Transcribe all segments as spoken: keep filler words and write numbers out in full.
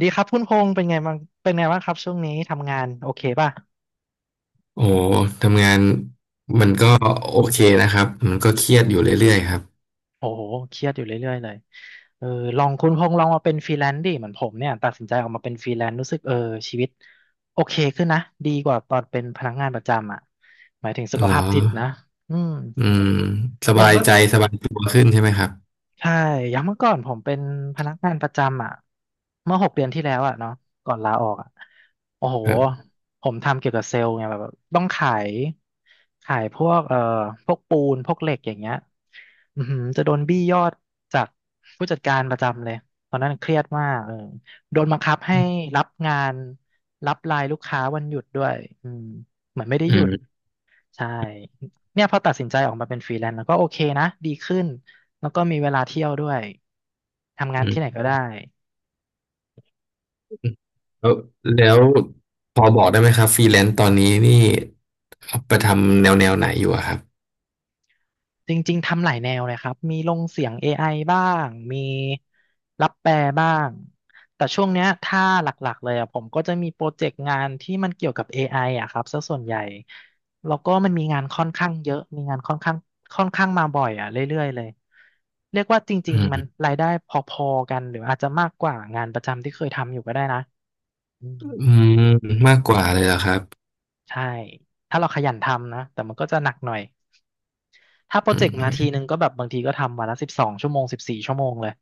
ดีครับคุณพงษ์เป็นไงบ้างเป็นไงบ้างครับช่วงนี้ทำงานโอเคป่ะโอ้ทำงานมันก็โอเคนะครับมันก็เครียดอยู่เรื่อยๆครับโอ้โหเครียดอยู่เรื่อยๆเลยเออลองคุณพงษ์ลองมาเป็นฟรีแลนซ์ดิเหมือนผมเนี่ยตัดสินใจออกมาเป็นฟรีแลนซ์รู้สึกเออชีวิตโอเคขึ้นนะดีกว่าตอนเป็นพนักงานประจำอ่ะหมายถึงสุขเหรภาอพจิตนะอืมอืมสอย บายใจสบายตัวขึ้นใช่ไหมครับใช่อย่างเมื่อก่อนผมเป็นพนักงานประจำอ่ะเมื่อหกเดือนที่แล้วอ่ะเนาะก่อนลาออกอ่ะโอ้โหครับผมทำเกี่ยวกับเซลล์ไงแบบแบบต้องขายขายพวกเอ่อพวกปูนพวกเหล็กอย่างเงี้ยอือหือจะโดนบี้ยอดจากผู้จัดการประจำเลยตอนนั้นเครียดมากเออโดนบังคับให้อืมรับงานรับไลน์ลูกค้าวันหยุดด้วยอืมเหมือนไม่ได้หยุด ใช่เนี่ยพอตัดสินใจออกมาเป็นฟรีแลนซ์แล้วก็โอเคนะดีขึ้นแล้วก็มีเวลาเที่ยวด้วยทำงานอืที่ไหนมก็ได้แล้วแล้วพอบอกได้ไหมครับฟรีแลนซ์ตอนนี้นี่เอาไปทำแนวแนวไหนอยู่อะครับจริงๆทำหลายแนวเลยครับมีลงเสียง เอ ไอ บ้างมีรับแปลบ้างแต่ช่วงเนี้ยถ้าหลักๆเลยอ่ะผมก็จะมีโปรเจกต์งานที่มันเกี่ยวกับ เอ ไอ อไออ่ะครับซะส่วนใหญ่แล้วก็มันมีงานค่อนข้างเยอะมีงานค่อนข้างค่อนข้างมาบ่อยอ่ะเรื่อยๆเลยเรียกว่าจอืริงๆมันมรายได้พอๆกันหรืออาจจะมากกว่างานประจำที่เคยทำอยู่ก็ได้นะ อืมอืมมากกว่าเลยเหรอครับใช่ ถ้าเราขยันทำนะ แต่มันก็จะหนักหน่อย ถ้าโปรอืเจกต์มาทีมนึงก็แบบบางทีก็ทำวันละสิบสองชั่วโมงสิบสี่ชั่วโมงเลย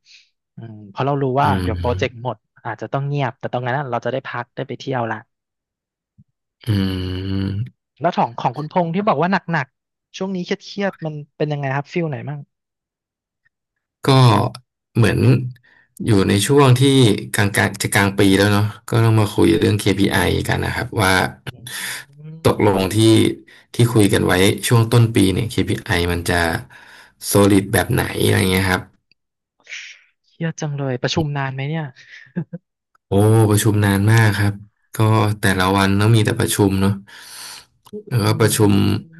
อืมเพราะเรารู้อืว่าเดี๋ยมวโปรเจกต์หมดอาจจะต้องเงียบ แต่ตรงนั้นน่ะเราจะได้พักได้ไปเที่ยวละ อืม แล้วของของคุณพงษ์ที่บอกว่าหนักๆ ช่วงนี้เครียดๆ มันเป็นยังไงครับฟิลไหนมั่งก็เหมือนอยู่ในช่วงที่กลางกลางจะกลางปีแล้วเนาะก็ต้องมาคุยเรื่อง เค พี ไอ กันนะครับว่าอืตกลงมที่ที่คุยกันไว้ช่วงต้นปีเนี่ย เค พี ไอ มันจะ solid แบบไหนอะไรเงี้ยครับเครียดจังเลยประชุมนานไหมเนี่ยโอ้ประชุมนานมากครับก็แต่ละวันต้องมีแต่ประชุมเนาะแล้วอืก็ประชุมม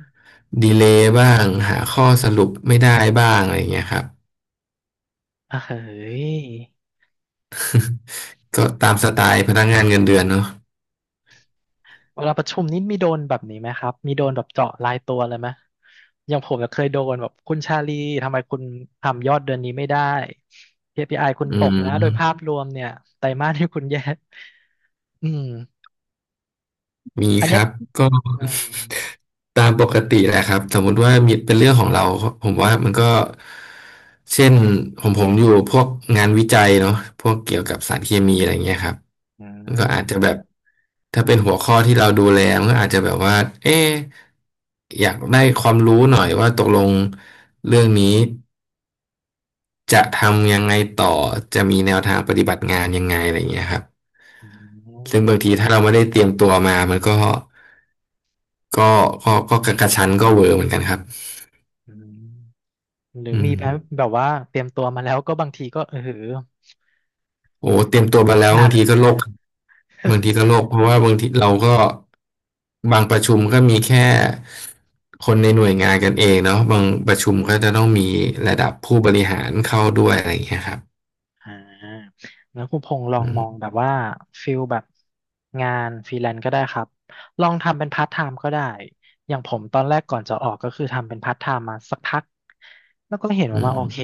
ดีเลย์บ้างหาข้อสรุปไม่ได้บ้างอะไรเงี้ยครับอ่ะเฮ้ย ก็ตามสไตล์พนักงานเงินเดือนเนาะเวลาประชุมนี่มีโดนแบบนี้ไหมครับ มีโดนแบบเจาะรายตัวเลยไหมอย่างผมเนี่ยเคยโดนแบบคุณชาลีทำไมคุณทำยอดเดือนนี้ไม่ได้เคพี p i คุณอืตกนะโดยภาม พรวมเนี่ยไตรมาสที่คุณแย่อืมมีอันคเนี้ยรับก็อืมตามปกติแหละครับสมมุติว่ามีเป็นเรื่องของเราผมว่ามันก็เช่นผมผมอยู่พวกงานวิจัยเนาะพวกเกี่ยวกับสารเคมีอะไรเงี้ยครับอืมันก็อาจจะแบมบถ้าเป็นหัวข้อที่เราดูแลมันก็อาจจะแบบว่าเอ๊ะอยากได้ความรู้หน่อยว่าตกลงเรื่องนี้จะทำยังไงต่อจะมีแนวทางปฏิบัติงานยังไงอะไรเงี้ยครับอืซึ่งมบางทีถ้าเราไม่ได้เตรียมตัวมามันก็ ก็ก็ก็กระชั้นก็เวอร์เหมือนกันครับอืมหรืออืมมีแบบแบบว่าเตรียมตัวมาแล้วก็บางทีก็เออโอ้เตรียมตัวมาแล้วหนับาก งทีก็โลกบางทีก็โลกเพราะว่าบางทีเราก็บางประชุมก็มีแค่คนในหน่วยงานกันเองเนาะบางประชุมก็จะต้องมีระดับผู้บริหารเข้าด้วยอะไรอย่างเงี้ยครับอ่าแล้วคุณพงษ์ลออืงมองมแบบว่าฟิลแบบงานฟรีแลนซ์ก็ได้ครับลองทำเป็นพาร์ทไทม์ก็ได้อย่างผมตอนแรกก่อนจะออกก็คือทำเป็นพาร์ทไทม์มาสักพักแล้วก็เห็นอืว่ามาโอเคม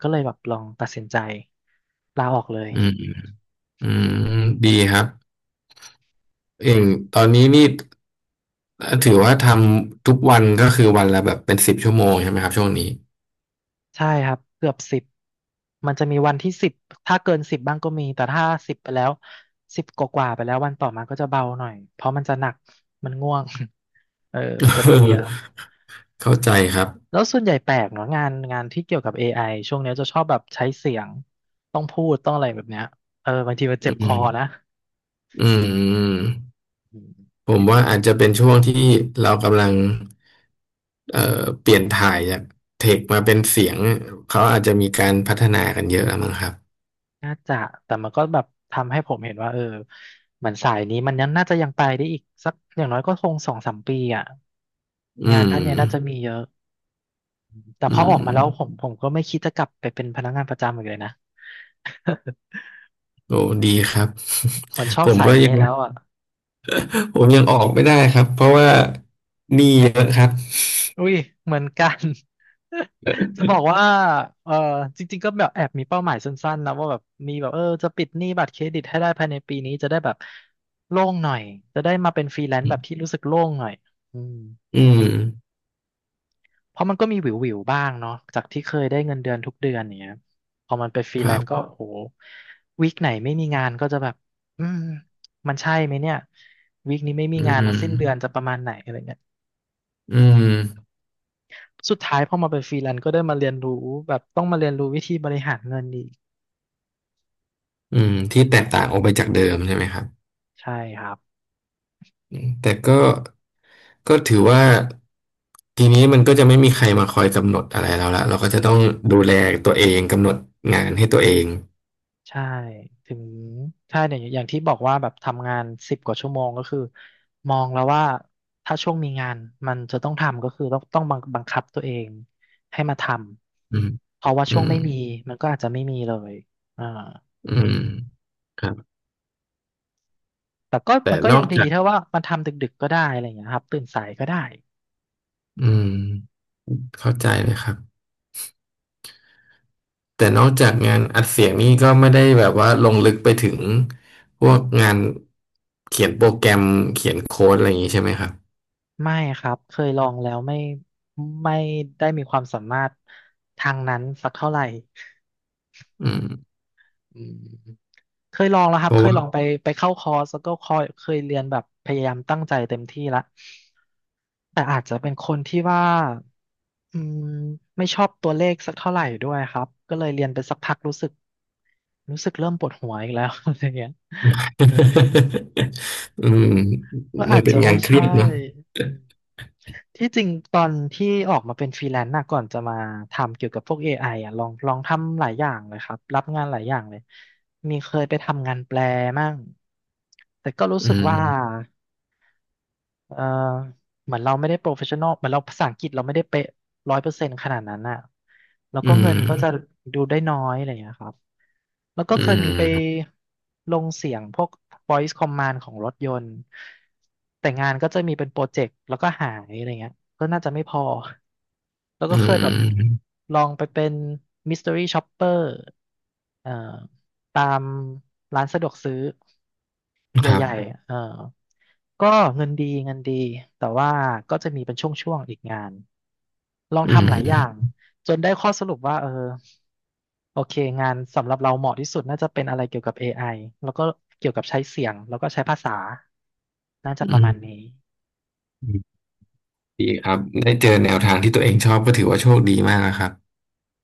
ก็เลยแบบลองตัดสินใจลาออกเลย อืมอืมดีครับเองตอนนี้นี่ถือว่าทำทุกวันก็คือวันละแบบเป็นสิบชั่วโมงใช่ไหมครับช่วงนี้ ใช่ครับเกือบสิบมันจะมีวันที่สิบถ้าเกินสิบบ้างก็มีแต่ถ้าสิบไปแล้วสิบกว่าๆไปแล้ววันต่อมาก็จะเบาหน่อย เพราะมันจะหนัก มันง่วง เออมันจะเพลีย เข้าใจครับแล้วส่วนใหญ่แปลกเนาะงานงานที่เกี่ยวกับ เอ ไอ ช่วงเนี้ยจะชอบแบบใช้เสียงต้องพูดต้องอะไรแบบเนี้ยเออบางทีมันเจ็อืบคอม นะอืมอืมผมว่าอาจจะเป็นช่วงที่เรากำลังเอ่อเปลี่ยนถ่ายจากเทคมาเป็นเสียงเขาอาจจะมีการพัฒนากันเยอะแล้วมั้งครับน่าจะแต่มันก็แบบทำให้ผมเห็นว่าเออเหมือนสายนี้มันยังน่าจะยังไปได้อีกสักอย่างน้อยก็คงสองสามปีอ่ะอืงามนด้านเนี้ยน่าจะมีเยอะแต่พอือออกมามแล้วผมผมก็ไม่คิดจะกลับไปเป็นพนักงานประจำอีกเลยนะโอ้ดีครับ เหมือนช อผบมสายก็นี้ยัง แล้วอ่ะ ผมยังออกไม่ได้ครับเพราะว่าหนี้เยอะครับอุ้ยเหมือนกัน จะบอกว่าเออจริงๆก็แบบแอบมีเป้าหมายสั้นๆนะว่าแบบมีแบบเออจะปิดหนี้บัตรเครดิตให้ได้ภายในปีนี้จะได้แบบโล่งหน่อยจะได้มาเป็นฟรีแลนซ์แบบที่รู้สึกโล่งหน่อยอืมอืมเพราะมันก็มีหวิวๆบ้างเนาะจากที่เคยได้เงินเดือนทุกเดือนอย่างเงี้ยพอมันเป็นฟรีคแลรันซ์ก็บโอ้โหวีคไหนไม่มีงานก็จะแบบอืมมันใช่ไหมเนี่ยวีคนี้ไม่มีอืงานแล้วมสิ้นเดือนจะประมาณไหนอะไรเงี้ย อืมสุดท้ายพอมาเป็นฟรีแลนซ์ก็ได้มาเรียนรู้แบบต้องมาเรียนรู้วิธีบริหารเงินอีกอืมที่แตกต่างออกไปจากเดิมใช่ไหมครับใช่ครับแต่ก็ ก็ถือว่าทีนี้มันก็จะไม่มีใครมาคอยกำหนดอะไรแล้วละเราก็จะต้องดูแลตัวเองกำหนดงานให้ตัวเองใช่ถึงใช่เนี่ยอย่างที่บอกว่าแบบทำงานสิบกว่าชั่วโมงก็คือมองแล้วว่าถ้าช่วงมีงานมันจะต้องทำก็คือต้องต้องบังบังคับตัวเองให้มาทอืมำเพราะว่าอืช่วงมไม่มีมันก็อาจจะไม่มีเลยอ่าอืมครับแต่ก็แต่มันก็นยัองกดีจากถ้าว่ามันทำดึกๆก็ได้อะไรอย่างเงี้ยครับตื่นสายก็ได้ อืมเข้าใจเลยครับแต่นอกจากงานอัดเสียงนี่ก็ไม่ได้แบบว่าลงลึกไปถึงพวกงานเขียนโปรแกรมเขียนโค้ดอะไรอย่างนี้ใช่ไหมครับไม่ครับเคยลองแล้วไม่ไม่ได้มีความสามารถทางนั้นสักเท่าไหร่อืมอืมเคยลองแล้วครัเพบเคราะยว่า ลองไปไปเข้าคอร์สแล้วก็คอยเคยเรียนแบบพยายามตั้งใจเต็มที่ละแต่อาจจะเป็นคนที่ว่าอืมไม่ชอบตัวเลขสักเท่าไหร่ด้วยครับก็เลยเรียนไปสักพักรู้สึกรู้สึกเริ่มปวดหัวอีกแล้ว อะไรเงี้ยเออ อืมก็มัอานจเป็จะนงาไม่นเครีใช่ยดเนอะอืมที่จริงตอนที่ออกมาเป็นฟรีแลนซ์นะก่อนจะมาทำเกี่ยวกับพวก เอ ไอ อไออ่ะลองลองทำหลายอย่างเลยครับรับงานหลายอย่างเลยมีเคยไปทำงานแปลมั่งแต่ก็รู้อืสึกว่า มเออเหมือนเราไม่ได้โปรเฟชชั่นอลเหมือนเราภาษาอังกฤษเราไม่ได้เป๊ะร้อยเปอร์เซ็นต์ขนาดนั้นอ่ะแล้วก็อืเงินก็จะมดูได้น้อยอะไรอย่างเงี้ยครับแล้วก็อืเคยมีไปม ลงเสียงพวก voice command ของรถยนต์ แต่งานก็จะมีเป็นโปรเจกต์แล้วก็หายอะไรเงี้ยก็น่าจะไม่พอ แล้วอืก็เคยแบบมลองไปเป็น mystery shopper เอ่อตามร้านสะดวกซื้อ ครัใหบญ่ๆเออก็เงินดีเงินดี แต่ว่าก็จะมีเป็นช่วงๆอีกงาน ลองอืทำหมลายอย่างจนได้ข้อสรุปว่าเออโอเค งานสำหรับเราเหมาะที่สุดน่าจะเป็นอะไรเกี่ยวกับ เอ ไอ แล้วก็เกี่ยวกับใช้เสียงแล้วก็ใช้ภาษา น่าจะอืประมาณมนี้ดีครับได้เจอแนวทางที่ตัวเองชอบก็ถือว่าโชคดีมากนะครับ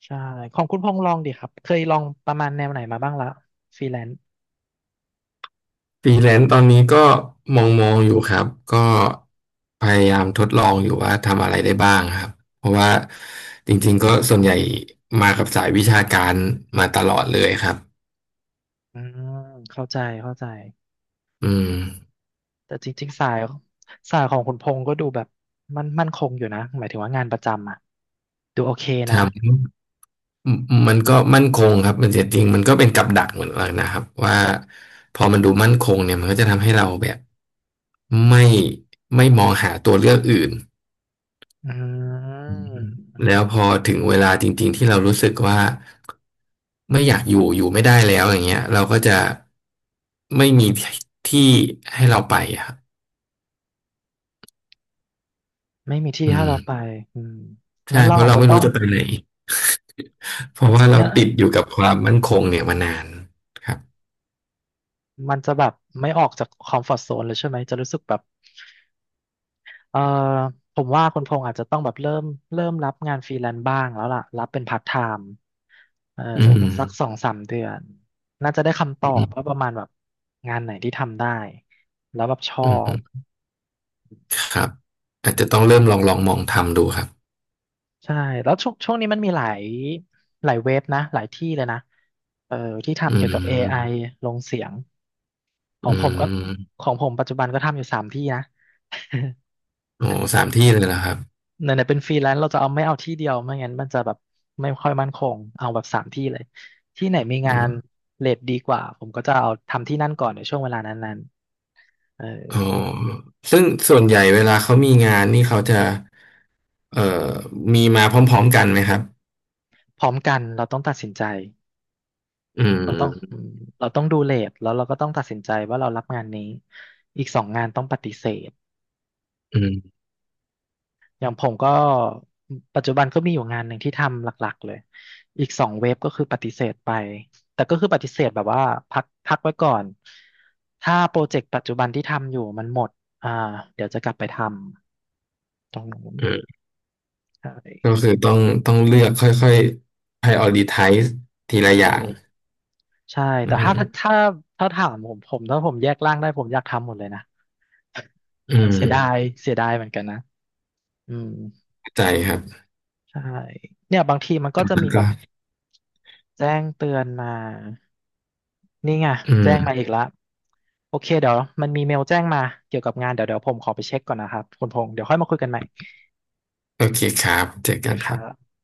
ใช่ของคุณพงษ์ลองดิครับ เคยลองประมาณแนวไหนมาบ้างละฟรีแลนซ์ฟรีแลนซ์ตอนนี้ก็มองมองอยู่ครับก็พยายามทดลองอยู่ว่าทำอะไรได้บ้างครับเพราะว่าจริงๆก็ส่วนใหญ่มากับสายวิชาการมาตลอดเลยครับอืมเข้าใจเข้าใจ อืมแต่จริงๆ สายสายของคุณพงษ์ก็ดูแบบมันมั่นคงอยู่นะหมายถึงว่างานประจำอ่ะดูโอเคทนะำ อืมอืมมันก็มั่นคงครับมันเสียจริงมันก็เป็นกับดักเหมือนกันนะครับว่าพอมันดูมั่นคงเนี่ยมันก็จะทำให้เราแบบไม่ไม่มองหาตัวเลือกอื่นอือืมแล้มวพอถึงเวลาจริงๆที่เรารู้สึกว่าไม่อยากอยู่อยู่ไม่ได้แล้วอย่างเงี้ยเราก็จะไม่มีที่ให้เราไปอะครับไม่มีที่อืให้มเราไปอืมใช่งั้นเราเพราะอาจเราจะไม่ต้อรู้งจะไปไหน เพราะว่าเรางั้นติดอยู่กับความมั่นคงเนี่ยมานานครับมันจะแบบไม่ออกจากคอมฟอร์ z โซนเลยใช่ไหมจะรู้สึกแบบเออผมว่าคุณพงษ์อาจจะต้องแบบเริ่มเริ่มรับงานฟรีแลนซ์บ้างแล้วล่ะรับเป็นพาร์ทไทม์เอออืมสักสองสามเดือนน่าจะได้คำตอือบว่ามประมาณแบบงานไหนที่ทำได้แล้วแบบชออืบ ม ครับอาจจะต้องเริ่มลองลองมองทำดูครับใช่แล้วช่วงช่วงนี้มันมีหลายหลายเว็บนะหลายที่เลยนะเออที่อืทำเกี่ยวกับ เอ ไอ มลงเสียงขออืงผมก็มของผมปัจจุบันก็ทำอยู่สามที่นะ โอ้สามที่เลยนะครับไหนๆเป็นฟรีแลนซ์เราจะเอาไม่เอาที่เดียวไม่งั้นมันจะแบบไม่ค่อยมั่นคงเอาแบบสามที่เลยที่ไหนมีอืงานมเรทดีกว่าผมก็จะเอาทำที่นั่นก่อนในช่วงเวลานั้นๆเอออ๋อซึ่งส่วนใหญ่เวลาเขามีงานนี่เขาจะเอ่อมีมาพร้อมๆกันไหมครับพร้อมกันเราต้องตัดสินใจอืเราต้องอืมมเราต้องดูเรทแล้วเราก็ต้องตัดสินใจว่าเรารับงานนี้อีกสองงานต้องปฏิเสธ อืมอย่างผมก็ปัจจุบันก็มีอยู่งานหนึ่งที่ทำหลักๆเลยอีกสองเว็บก็คือปฏิเสธไปแต่ก็คือปฏิเสธแบบว่าพักพักไว้ก่อนถ้าโปรเจกต์ปัจจุบันที่ทำอยู่มันหมดอ่าเดี๋ยวจะกลับไปทำตรงนู้นอืมใชก็่คือต้องต้องเลือกค่อยๆ prioritize ทีละถูอย่างกใช่อืแต่ถ้ามถ้าถ้าถามผมผมถ้าผมแยกร่างได้ผมอยากทำหมดเลยนะอืมเสียดายเสียดายเหมือนกันนะอืมเข้าใจครับใช่เนี่ยบางทีมันก็จะแล้มีวแบก็บแจ้งเตือนมา นี่ไงอืแจ้งมาอีมกแล้วโอเคเดี๋ยวมันมีเมลแจ้งมาเกี่ยวกับงานเดี๋ยวเดี๋ยวผมขอไปเช็คก่อนนะครับคุณพงษ์เดี๋ยวค่อยมาคุยกันใหม่โอเคครับเจโออเคกันคครัรับบ